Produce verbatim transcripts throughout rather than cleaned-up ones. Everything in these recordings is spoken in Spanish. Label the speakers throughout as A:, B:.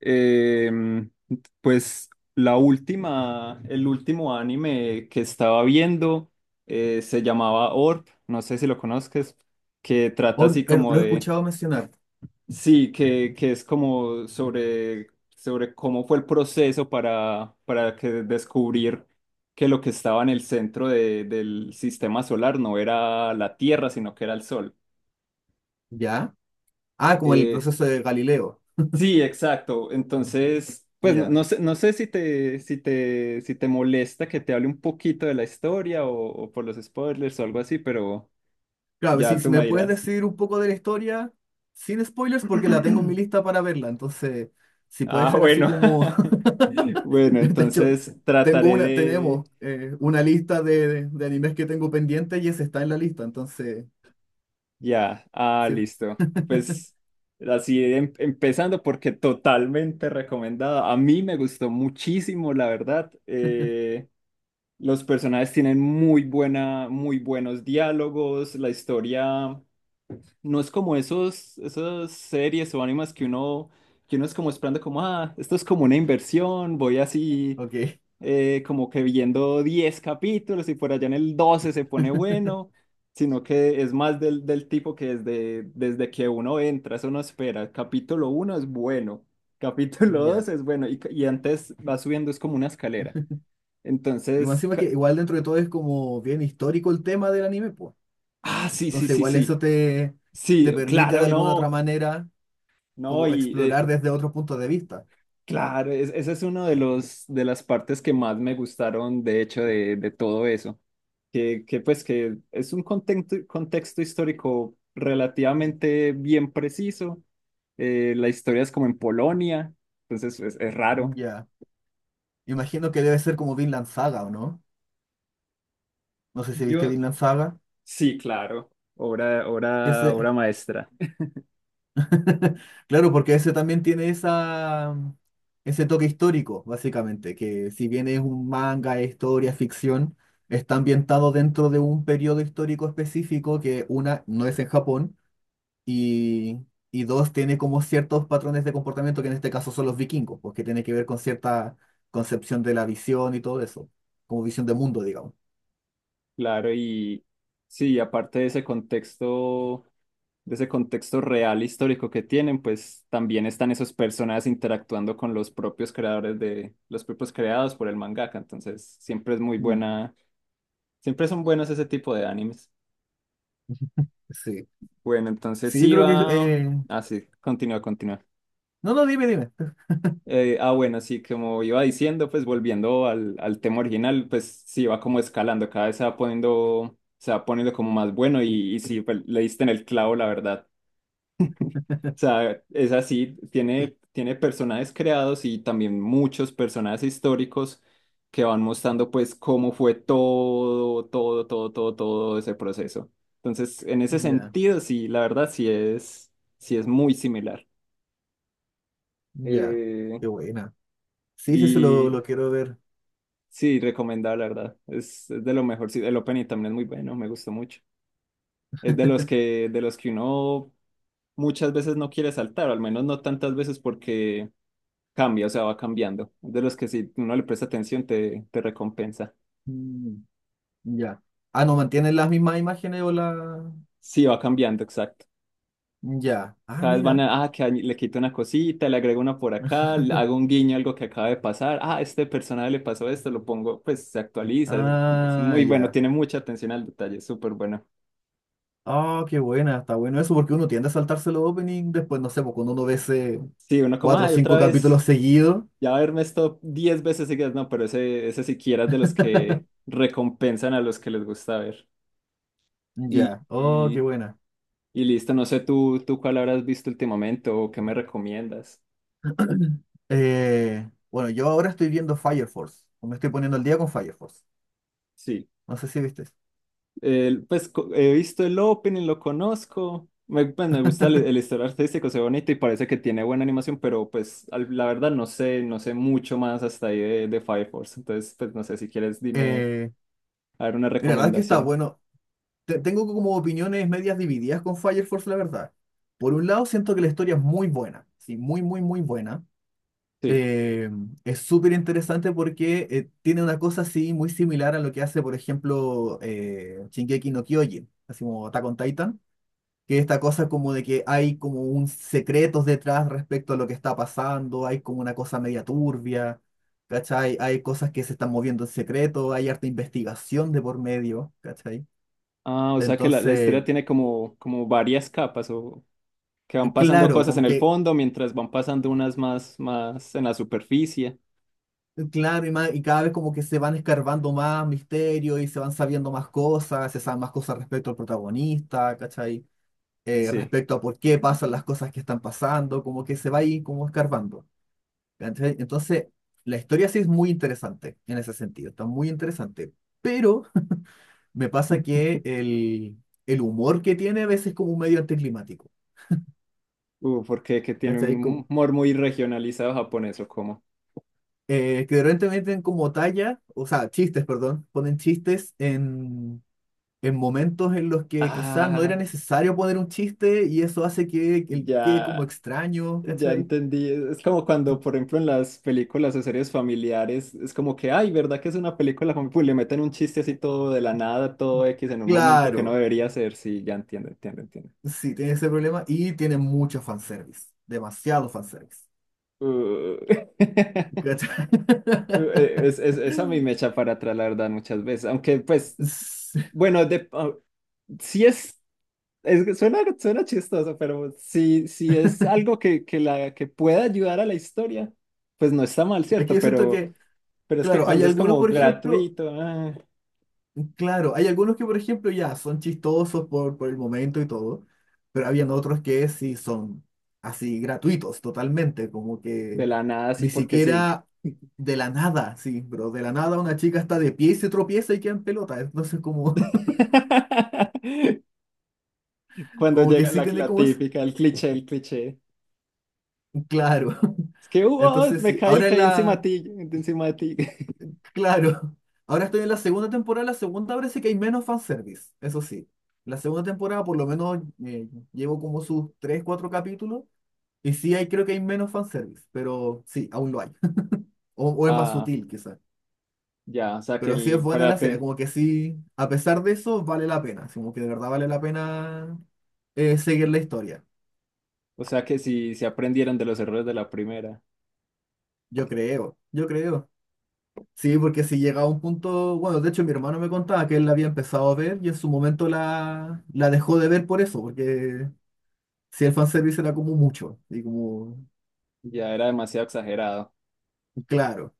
A: Em, pues la última, el último anime que estaba viendo eh, se llamaba Orb, no sé si lo conozcas, que trata
B: Or-
A: así
B: eh,
A: como
B: lo he
A: de,
B: escuchado mencionar.
A: sí, que, que es como sobre, sobre cómo fue el proceso para, para que descubrir que lo que estaba en el centro de- del sistema solar no era la Tierra, sino que era el Sol.
B: ¿Ya? Ah, como el
A: Eh,
B: proceso de Galileo.
A: Sí, exacto. Entonces, pues no,
B: Ya.
A: no sé, no sé si te, si te, si te molesta que te hable un poquito de la historia o, o por los spoilers o algo así, pero
B: Claro,
A: ya
B: si,
A: tú
B: si me
A: me
B: puedes
A: dirás.
B: decir un poco de la historia, sin spoilers, porque la tengo en mi lista para verla. Entonces, si puede
A: Ah,
B: ser así
A: bueno.
B: como.
A: Bueno,
B: De hecho,
A: entonces
B: tengo
A: trataré
B: una,
A: de...
B: tenemos eh, una lista de, de- de animes que tengo pendiente y ese está en la lista. Entonces,
A: Ya, ah,
B: sí.
A: listo. Pues así em- empezando porque totalmente recomendada. A mí me gustó muchísimo, la verdad. Eh, Los personajes tienen muy buena, muy buenos diálogos, la historia no es como esos, esas series o animes que uno, que uno es como esperando como, ah, esto es como una inversión, voy así
B: Ok.
A: eh, como que viendo diez capítulos y por allá en el doce se pone bueno, sino que es más del, del tipo que desde, desde que uno entra, eso no espera. Capítulo uno es bueno, capítulo
B: Ya.
A: dos es bueno y, y antes va subiendo, es como una escalera.
B: Y más
A: Entonces,
B: encima que
A: ca-
B: igual dentro de todo es como bien histórico el tema del anime, pues.
A: ah, sí, sí,
B: Entonces,
A: sí,
B: igual
A: sí.
B: eso te,
A: Sí,
B: te permite de
A: claro,
B: alguna otra
A: no.
B: manera
A: No,
B: como
A: y eh,
B: explorar desde otro punto de vista.
A: claro, es- esa es una de los de las partes que más me gustaron, de hecho, de, de todo eso. Que, que pues que es un contexto, contexto histórico relativamente bien preciso. Eh, la historia es como en Polonia, entonces es, es raro.
B: Ya. Imagino que debe ser como Vinland Saga, ¿o no? No sé si viste
A: Yo,
B: Vinland Saga.
A: sí, claro, obra, obra,
B: Ese...
A: obra maestra.
B: Claro, porque ese también tiene esa... mm, ese toque histórico, básicamente, que si bien es un manga, es historia, ficción, está ambientado dentro de un periodo histórico específico que una no es en Japón y, y dos, tiene como ciertos patrones de comportamiento que en este caso son los vikingos, porque tiene que ver con cierta concepción de la visión y todo eso, como visión de mundo, digamos.
A: Claro, y sí, aparte de ese contexto, de ese contexto real histórico que tienen, pues también están esos personajes interactuando con los propios creadores de, los propios creados por el mangaka. Entonces, siempre es muy
B: Mm,
A: buena, siempre son buenos ese tipo de animes.
B: sí,
A: Bueno, entonces
B: sí, yo
A: sí
B: creo que...
A: va,
B: eh,
A: ah, sí, continúa, continúa.
B: No, no, dime, dime.
A: Eh, ah, bueno, sí, como iba diciendo, pues volviendo al, al tema original, pues sí va como escalando, cada vez se va poniendo se va poniendo como más bueno y, y sí, pues, le diste en el clavo, la verdad. Sea, es así, tiene, tiene personajes creados y también muchos personajes históricos que van mostrando pues cómo fue todo, todo, todo, todo, todo ese proceso. Entonces, en ese
B: Ya,
A: sentido, sí, la verdad sí es, sí es muy similar.
B: ya,
A: Eh,
B: qué buena. Sí, sí, se lo,
A: y
B: lo quiero ver.
A: sí, recomendable, la verdad. Es, es de lo mejor. Sí, el opening también es muy bueno, me gustó mucho. Es de los que, de los que uno muchas veces no quiere saltar, o al menos no tantas veces porque cambia, o sea, va cambiando. Es de los que si uno le presta atención te, te recompensa.
B: Mm, ya. Ah, no, ¿mantienen las mismas imágenes o la...?
A: Sí, va cambiando, exacto.
B: Ya. Ah,
A: Cada vez van
B: mira.
A: a, ah, que añ- le quito una cosita, le agrego una por acá, le hago un guiño a algo que acaba de pasar. Ah, este personaje le pasó esto, lo pongo, pues se actualiza. Es, es
B: Ah,
A: muy bueno,
B: ya.
A: tiene mucha atención al detalle, es súper bueno.
B: Ah, qué buena, está bueno eso, porque uno tiende a saltarse los opening después, no sé, pues cuando uno no ve ese,
A: Sí, uno como,
B: cuatro o
A: ay, otra
B: cinco
A: vez,
B: capítulos seguidos.
A: ya verme esto diez veces seguidas, no, pero ese, ese siquiera es de los que recompensan a los que les gusta ver. Y
B: Ya. Oh, qué buena.
A: y listo, no sé tú, tú cuál habrás visto últimamente o qué me recomiendas.
B: Eh, bueno, yo ahora estoy viendo Fire Force. O me estoy poniendo al día con Fire Force.
A: Sí.
B: No sé si viste.
A: El- pues co- he visto el Opening, lo conozco. Me, pues, me gusta el, el estilo artístico, se ve bonito y parece que tiene buena animación, pero pues al- la verdad no sé, no sé mucho más hasta ahí de, de Fire Force. Entonces, pues no sé si quieres dime
B: Eh,
A: a ver una
B: Mira, la verdad es que está
A: recomendación.
B: bueno. Te- tengo como opiniones medias divididas con Fire Force, la verdad. Por un lado, siento que la historia es muy buena. Sí, muy, muy, muy buena.
A: Sí.
B: Eh, es súper interesante porque eh, tiene una cosa así muy similar a lo que hace, por ejemplo, eh, Shingeki no Kyojin, así como Attack on Titan, que esta cosa como de que hay como un secretos detrás respecto a lo que está pasando, hay como una cosa media turbia, ¿cachai? Hay cosas que se están moviendo en secreto, hay harta investigación de por medio, ¿cachai?
A: Ah, o sea que la, la
B: Entonces,
A: historia tiene como, como varias capas o que
B: eh,
A: van pasando
B: claro,
A: cosas
B: como
A: en el
B: que,
A: fondo mientras van pasando unas más, más en la superficie.
B: eh, claro, y, ma- y cada vez como que se van escarbando más misterios y se van sabiendo más cosas, se saben más cosas respecto al protagonista, ¿cachai? Eh,
A: Sí.
B: respecto a por qué pasan las cosas que están pasando, como que se va ahí como escarbando. ¿Cachai? Entonces, la historia sí es muy interesante en ese sentido, está muy interesante, pero me pasa que el, el humor que tiene a veces es como un medio anticlimático,
A: Uh, porque que tiene
B: ¿cachai? Como,
A: un humor muy regionalizado japonés o cómo.
B: eh, que de repente meten como talla, o sea, chistes, perdón, ponen chistes en, en momentos en los que quizás no era
A: Ah,
B: necesario poner un chiste y eso hace que, que quede como
A: ya,
B: extraño,
A: ya
B: ¿cachai?
A: entendí. Es como cuando, por ejemplo, en las películas o series familiares, es como que, ay, ¿verdad que es una película fami-?" Pues le meten un chiste así todo de la nada, todo X en un momento que no
B: Claro,
A: debería ser. Sí, ya entiendo, entiendo, entiendo.
B: sí, tiene ese problema y tiene mucho fanservice, demasiado fanservice.
A: Uh,
B: ¿Cachai?
A: uh, es, es, eso a mí me echa para atrás, la verdad, muchas veces. Aunque, pues,
B: Sí.
A: bueno, de, ah, sí es. Es que suena, suena chistoso, pero si, si es algo que, que, la, que pueda ayudar a la historia, pues no está mal,
B: Es que
A: ¿cierto?
B: yo siento
A: Pero,
B: que,
A: pero es que
B: claro, hay
A: cuando es
B: algunos,
A: como
B: por ejemplo,
A: gratuito, ah,
B: claro, hay algunos que, por ejemplo, ya son chistosos por, por el momento y todo, pero habían otros que sí son así gratuitos totalmente, como
A: de
B: que
A: la nada, sí,
B: ni
A: porque sí.
B: siquiera de la nada, sí, pero de la nada una chica está de pie y se tropieza y queda en pelota, entonces como,
A: Cuando
B: como que
A: llega
B: sí
A: la,
B: tiene
A: la
B: como eso,
A: típica, el cliché, el cliché.
B: claro.
A: Es que "uh,
B: Entonces
A: me
B: sí,
A: caí,
B: ahora en
A: caí encima de
B: la...
A: ti, de encima de ti".
B: Claro, ahora estoy en la segunda temporada. La segunda parece que hay menos fanservice, eso sí. La segunda temporada, por lo menos, eh, llevo como sus tres cuatro capítulos. Y sí, hay, creo que hay menos fanservice, pero sí, aún lo hay. O, o es más
A: Ah,
B: sutil, quizás.
A: ya, o sea que
B: Pero sí es
A: el
B: buena la serie,
A: frate,
B: como que sí, a pesar de eso, vale la pena. Así como que de verdad vale la pena eh, seguir la historia.
A: o sea que si se aprendieron de los errores de la primera,
B: Yo creo, yo creo. Sí, porque si llega a un punto, bueno, de hecho mi hermano me contaba que él la había empezado a ver y en su momento la, la dejó de ver por eso, porque si el fanservice era como mucho, y como,
A: ya era demasiado exagerado.
B: claro.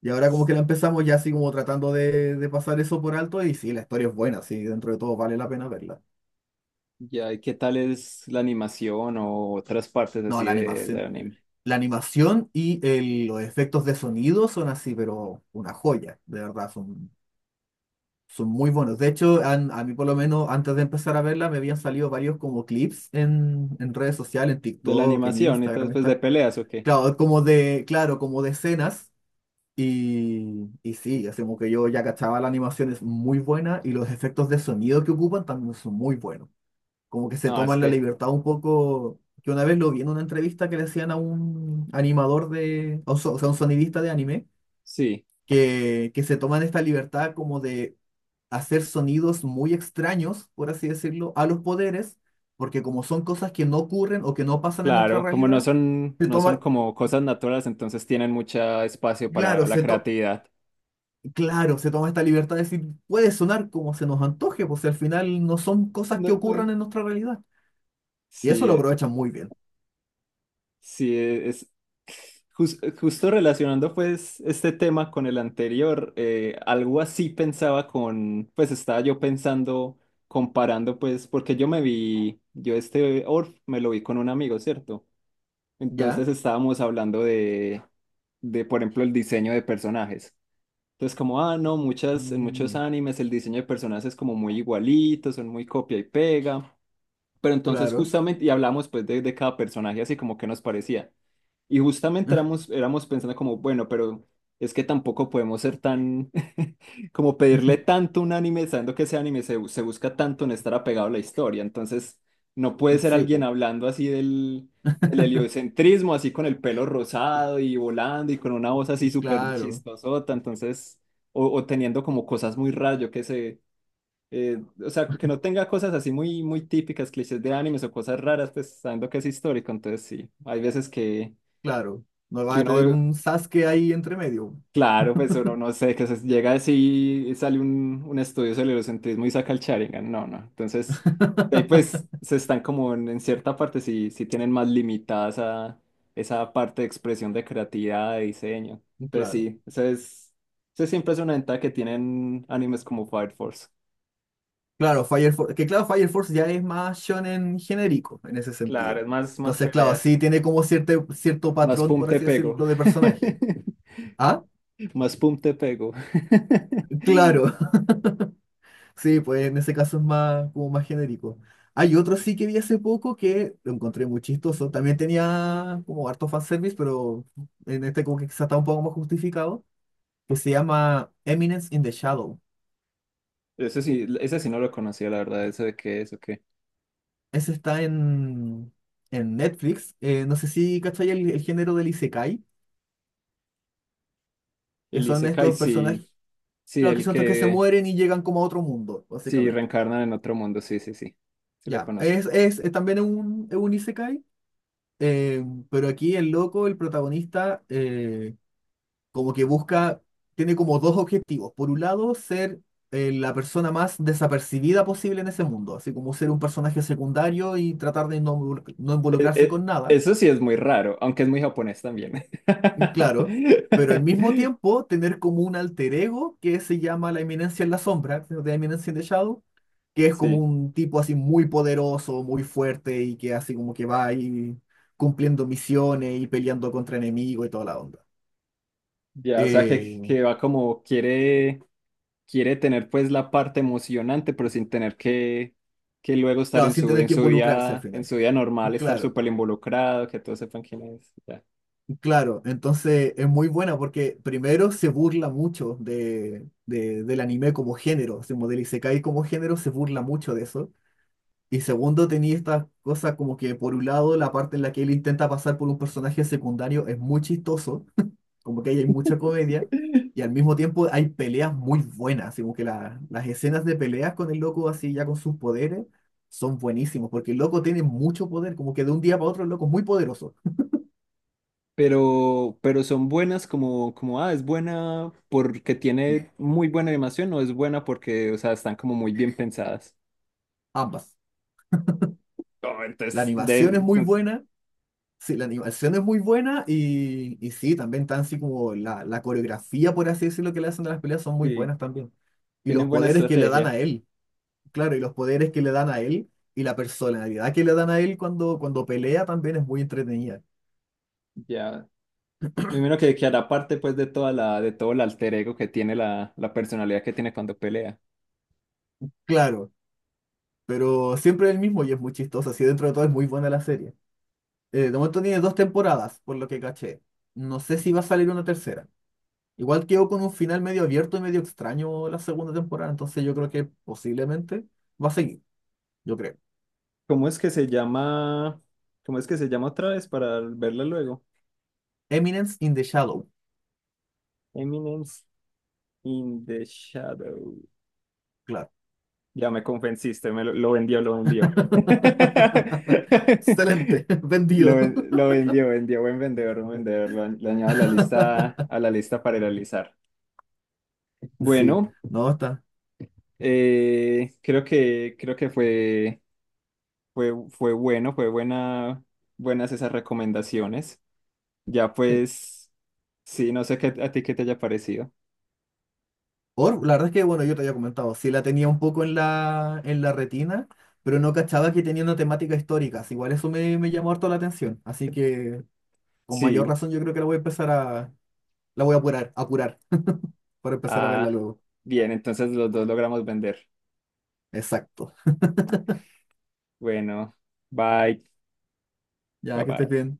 B: Y ahora como que la empezamos ya así como tratando de, de pasar eso por alto y sí, la historia es buena, sí, dentro de todo vale la pena verla.
A: Ya, ¿y qué tal es la animación o otras partes
B: No,
A: así
B: la
A: de, del
B: animación.
A: anime?
B: La animación y el- los efectos de sonido son así, pero una joya, de verdad, son son muy buenos. De hecho, han- a mí por lo menos antes de empezar a verla me habían salido varios como clips en, en redes sociales, en
A: ¿De la
B: TikTok, en
A: animación y todo
B: Instagram,
A: después de
B: está.
A: peleas o qué?
B: Claro, es como de, claro, como de escenas. Y, y sí, así como que yo ya cachaba la animación es muy buena y los efectos de sonido que ocupan también son muy buenos. Como que se
A: Ah, es
B: toman la
A: que
B: libertad un poco, que una vez lo vi en una entrevista que le hacían a un animador de, a un so- o sea, un sonidista de anime
A: sí,
B: que, que se toman esta libertad como de hacer sonidos muy extraños, por así decirlo, a los poderes, porque como son cosas que no ocurren o que no pasan en nuestra
A: claro, como no
B: realidad,
A: son,
B: se
A: no son
B: toma,
A: como cosas naturales, entonces tienen mucho espacio para
B: claro,
A: la
B: se to-
A: creatividad.
B: claro, se toma esta libertad de decir, puede sonar como se nos antoje, pues si al final no son cosas que
A: No, no,
B: ocurran en nuestra realidad. Y eso lo
A: sí,
B: aprovechan muy bien,
A: sí, e, es jus- justo relacionando pues este tema con el anterior, eh, algo así pensaba con, pues estaba yo pensando, comparando pues, porque yo me vi, yo este Orf me lo vi con un amigo, ¿cierto? Entonces
B: ¿ya?
A: estábamos hablando de, de, por ejemplo, el diseño de personajes. Entonces como, ah, no, muchas, en muchos
B: Mm,
A: animes el diseño de personajes es como muy igualito, son muy copia y pega. Pero entonces
B: claro.
A: justamente, y hablamos pues de, de cada personaje así como que nos parecía. Y justamente éramos, éramos pensando como, bueno, pero es que tampoco podemos ser tan, como pedirle tanto a un anime, sabiendo que ese anime se, bu- se busca tanto en estar apegado a la historia. Entonces, no puede ser
B: Sí,
A: alguien
B: pues,
A: hablando así del, del heliocentrismo, así con el pelo rosado y volando y con una voz así súper
B: claro,
A: chistosota. Entonces, o, o teniendo como cosas muy raras, yo qué sé. eh, o sea, que no tenga cosas así muy, muy típicas, clichés de animes o cosas raras, pues sabiendo que es histórico. Entonces, sí, hay veces que
B: claro. No va
A: que
B: a
A: uno
B: tener
A: ve,
B: un Sasuke ahí entre medio,
A: claro, pues uno no sé, que se llega así y sale un, un estudio sobre el eurocentrismo y saca el Sharingan, no, no. Entonces, de ahí pues se están como en, en cierta parte, sí, sí tienen más limitada esa, esa parte de expresión de creatividad, de diseño.
B: pues,
A: Entonces
B: claro.
A: sí, esa es, esa siempre es una ventaja que tienen animes como Fire Force.
B: Claro, Fire Force, que claro, Fire Force ya es más shonen genérico en ese
A: Claro,
B: sentido.
A: es más, más
B: Entonces, claro, sí
A: peleas.
B: tiene como cierto, cierto
A: Más
B: patrón,
A: pum
B: por
A: te
B: así
A: pego.
B: decirlo, de personaje. Ah,
A: Más pum te pego.
B: claro, sí, pues en ese caso es más, como más genérico. Hay otro sí que vi hace poco que lo encontré muy chistoso. También tenía como harto fanservice, pero en este como que quizá está un poco más justificado, que se llama Eminence in the Shadow.
A: Eso sí, ese sí no lo conocía, la verdad, eso de qué es, ok.
B: Ese está en, en Netflix. Eh, no sé si cachai el, el género del Isekai, que
A: El
B: son
A: Isekai,
B: estos
A: sí,
B: personajes.
A: sí,
B: Claro, que
A: el
B: son estos que se
A: que
B: mueren y llegan como a otro mundo,
A: sí
B: básicamente.
A: reencarna en otro mundo, sí, sí, sí, sí lo
B: Ya,
A: conozco.
B: es, es, es también un, es un isekai, eh, pero aquí el loco, el protagonista, eh, como que busca, tiene como dos objetivos. Por un lado, ser eh, la persona más desapercibida posible en ese mundo, así como ser un personaje secundario y tratar de no, no
A: Eh,
B: involucrarse
A: eh,
B: con nada.
A: eso sí es muy raro, aunque es muy japonés también.
B: Claro, pero al mismo tiempo tener como un alter ego que se llama la eminencia en la sombra, de la eminencia en the shadow, que es como
A: Sí,
B: un tipo así muy poderoso, muy fuerte y que así como que va ahí cumpliendo misiones y peleando contra enemigos y toda la onda.
A: ya, o sea
B: Eh,
A: que, que va como quiere, quiere tener pues la parte emocionante, pero sin tener que, que luego estar
B: claro,
A: en
B: sin
A: su,
B: tener
A: en
B: que
A: su
B: involucrarse al
A: día, en
B: final.
A: su día normal, estar
B: Claro,
A: súper involucrado, que todos sepan quién es.
B: claro. Entonces es muy buena porque primero se burla mucho de, de- del anime como género, así como del isekai como género, se burla mucho de eso. Y segundo, tenía esta cosa como que por un lado la parte en la que él intenta pasar por un personaje secundario es muy chistoso, como que ahí hay mucha comedia, y al mismo tiempo hay peleas muy buenas, así como que la- las escenas de peleas con el loco así ya con sus poderes son buenísimos, porque el loco tiene mucho poder, como que de un día para otro el loco es muy poderoso,
A: pero, pero son buenas como, como, ah, ¿es buena porque tiene muy buena animación o es buena porque, o sea, están como muy bien pensadas?
B: ambas.
A: Oh,
B: La
A: entonces, de,
B: animación es muy
A: entonces,
B: buena. Sí, la animación es muy buena y, y sí, también tan así como la, la coreografía, por así decirlo, que le hacen de las peleas son muy
A: sí,
B: buenas también. Y los
A: tienen buena
B: poderes que le dan a
A: estrategia.
B: él, claro, y los poderes que le dan a él y la personalidad que le dan a él cuando, cuando pelea también es muy entretenida.
A: Ya, me imagino que, que hará parte pues de toda la, de todo el alter ego que tiene la, la personalidad que tiene cuando pelea.
B: Claro, pero siempre es el mismo y es muy chistoso, así dentro de todo es muy buena la serie. Eh, de momento tiene dos temporadas, por lo que caché. No sé si va a salir una tercera. Igual quedó con un final medio abierto y medio extraño la segunda temporada, entonces yo creo que posiblemente va a seguir. Yo creo.
A: ¿Cómo es que se llama? ¿Cómo es que se llama otra vez para verla luego?
B: Eminence in the Shadow,
A: Eminence in the Shadows.
B: claro.
A: Ya me convenciste, me lo, lo vendió, lo vendió.
B: Excelente,
A: Lo,
B: vendido.
A: ven- lo vendió, vendió, buen vendedor, buen vendedor. Lo, añ- lo añado a la lista, a la lista para realizar.
B: Sí,
A: Bueno,
B: no, está.
A: eh, creo que, creo que fue, fue, fue bueno, fue buena, buenas esas recomendaciones. Ya
B: Sí.
A: pues, sí, no sé qué, a ti qué te haya parecido.
B: Or, la verdad es que, bueno, yo te había comentado, sí la tenía un poco en la, en la retina, pero no cachaba que tenía una temática histórica. Así igual eso me, me llamó harto la atención. Así que, con mayor
A: Sí,
B: razón, yo creo que la voy a empezar a, La voy a apurar, apurar, para empezar a verla
A: ah,
B: luego.
A: bien, entonces los dos logramos vender.
B: Exacto.
A: Bueno, bye, bye
B: Ya que estés
A: bye.
B: bien.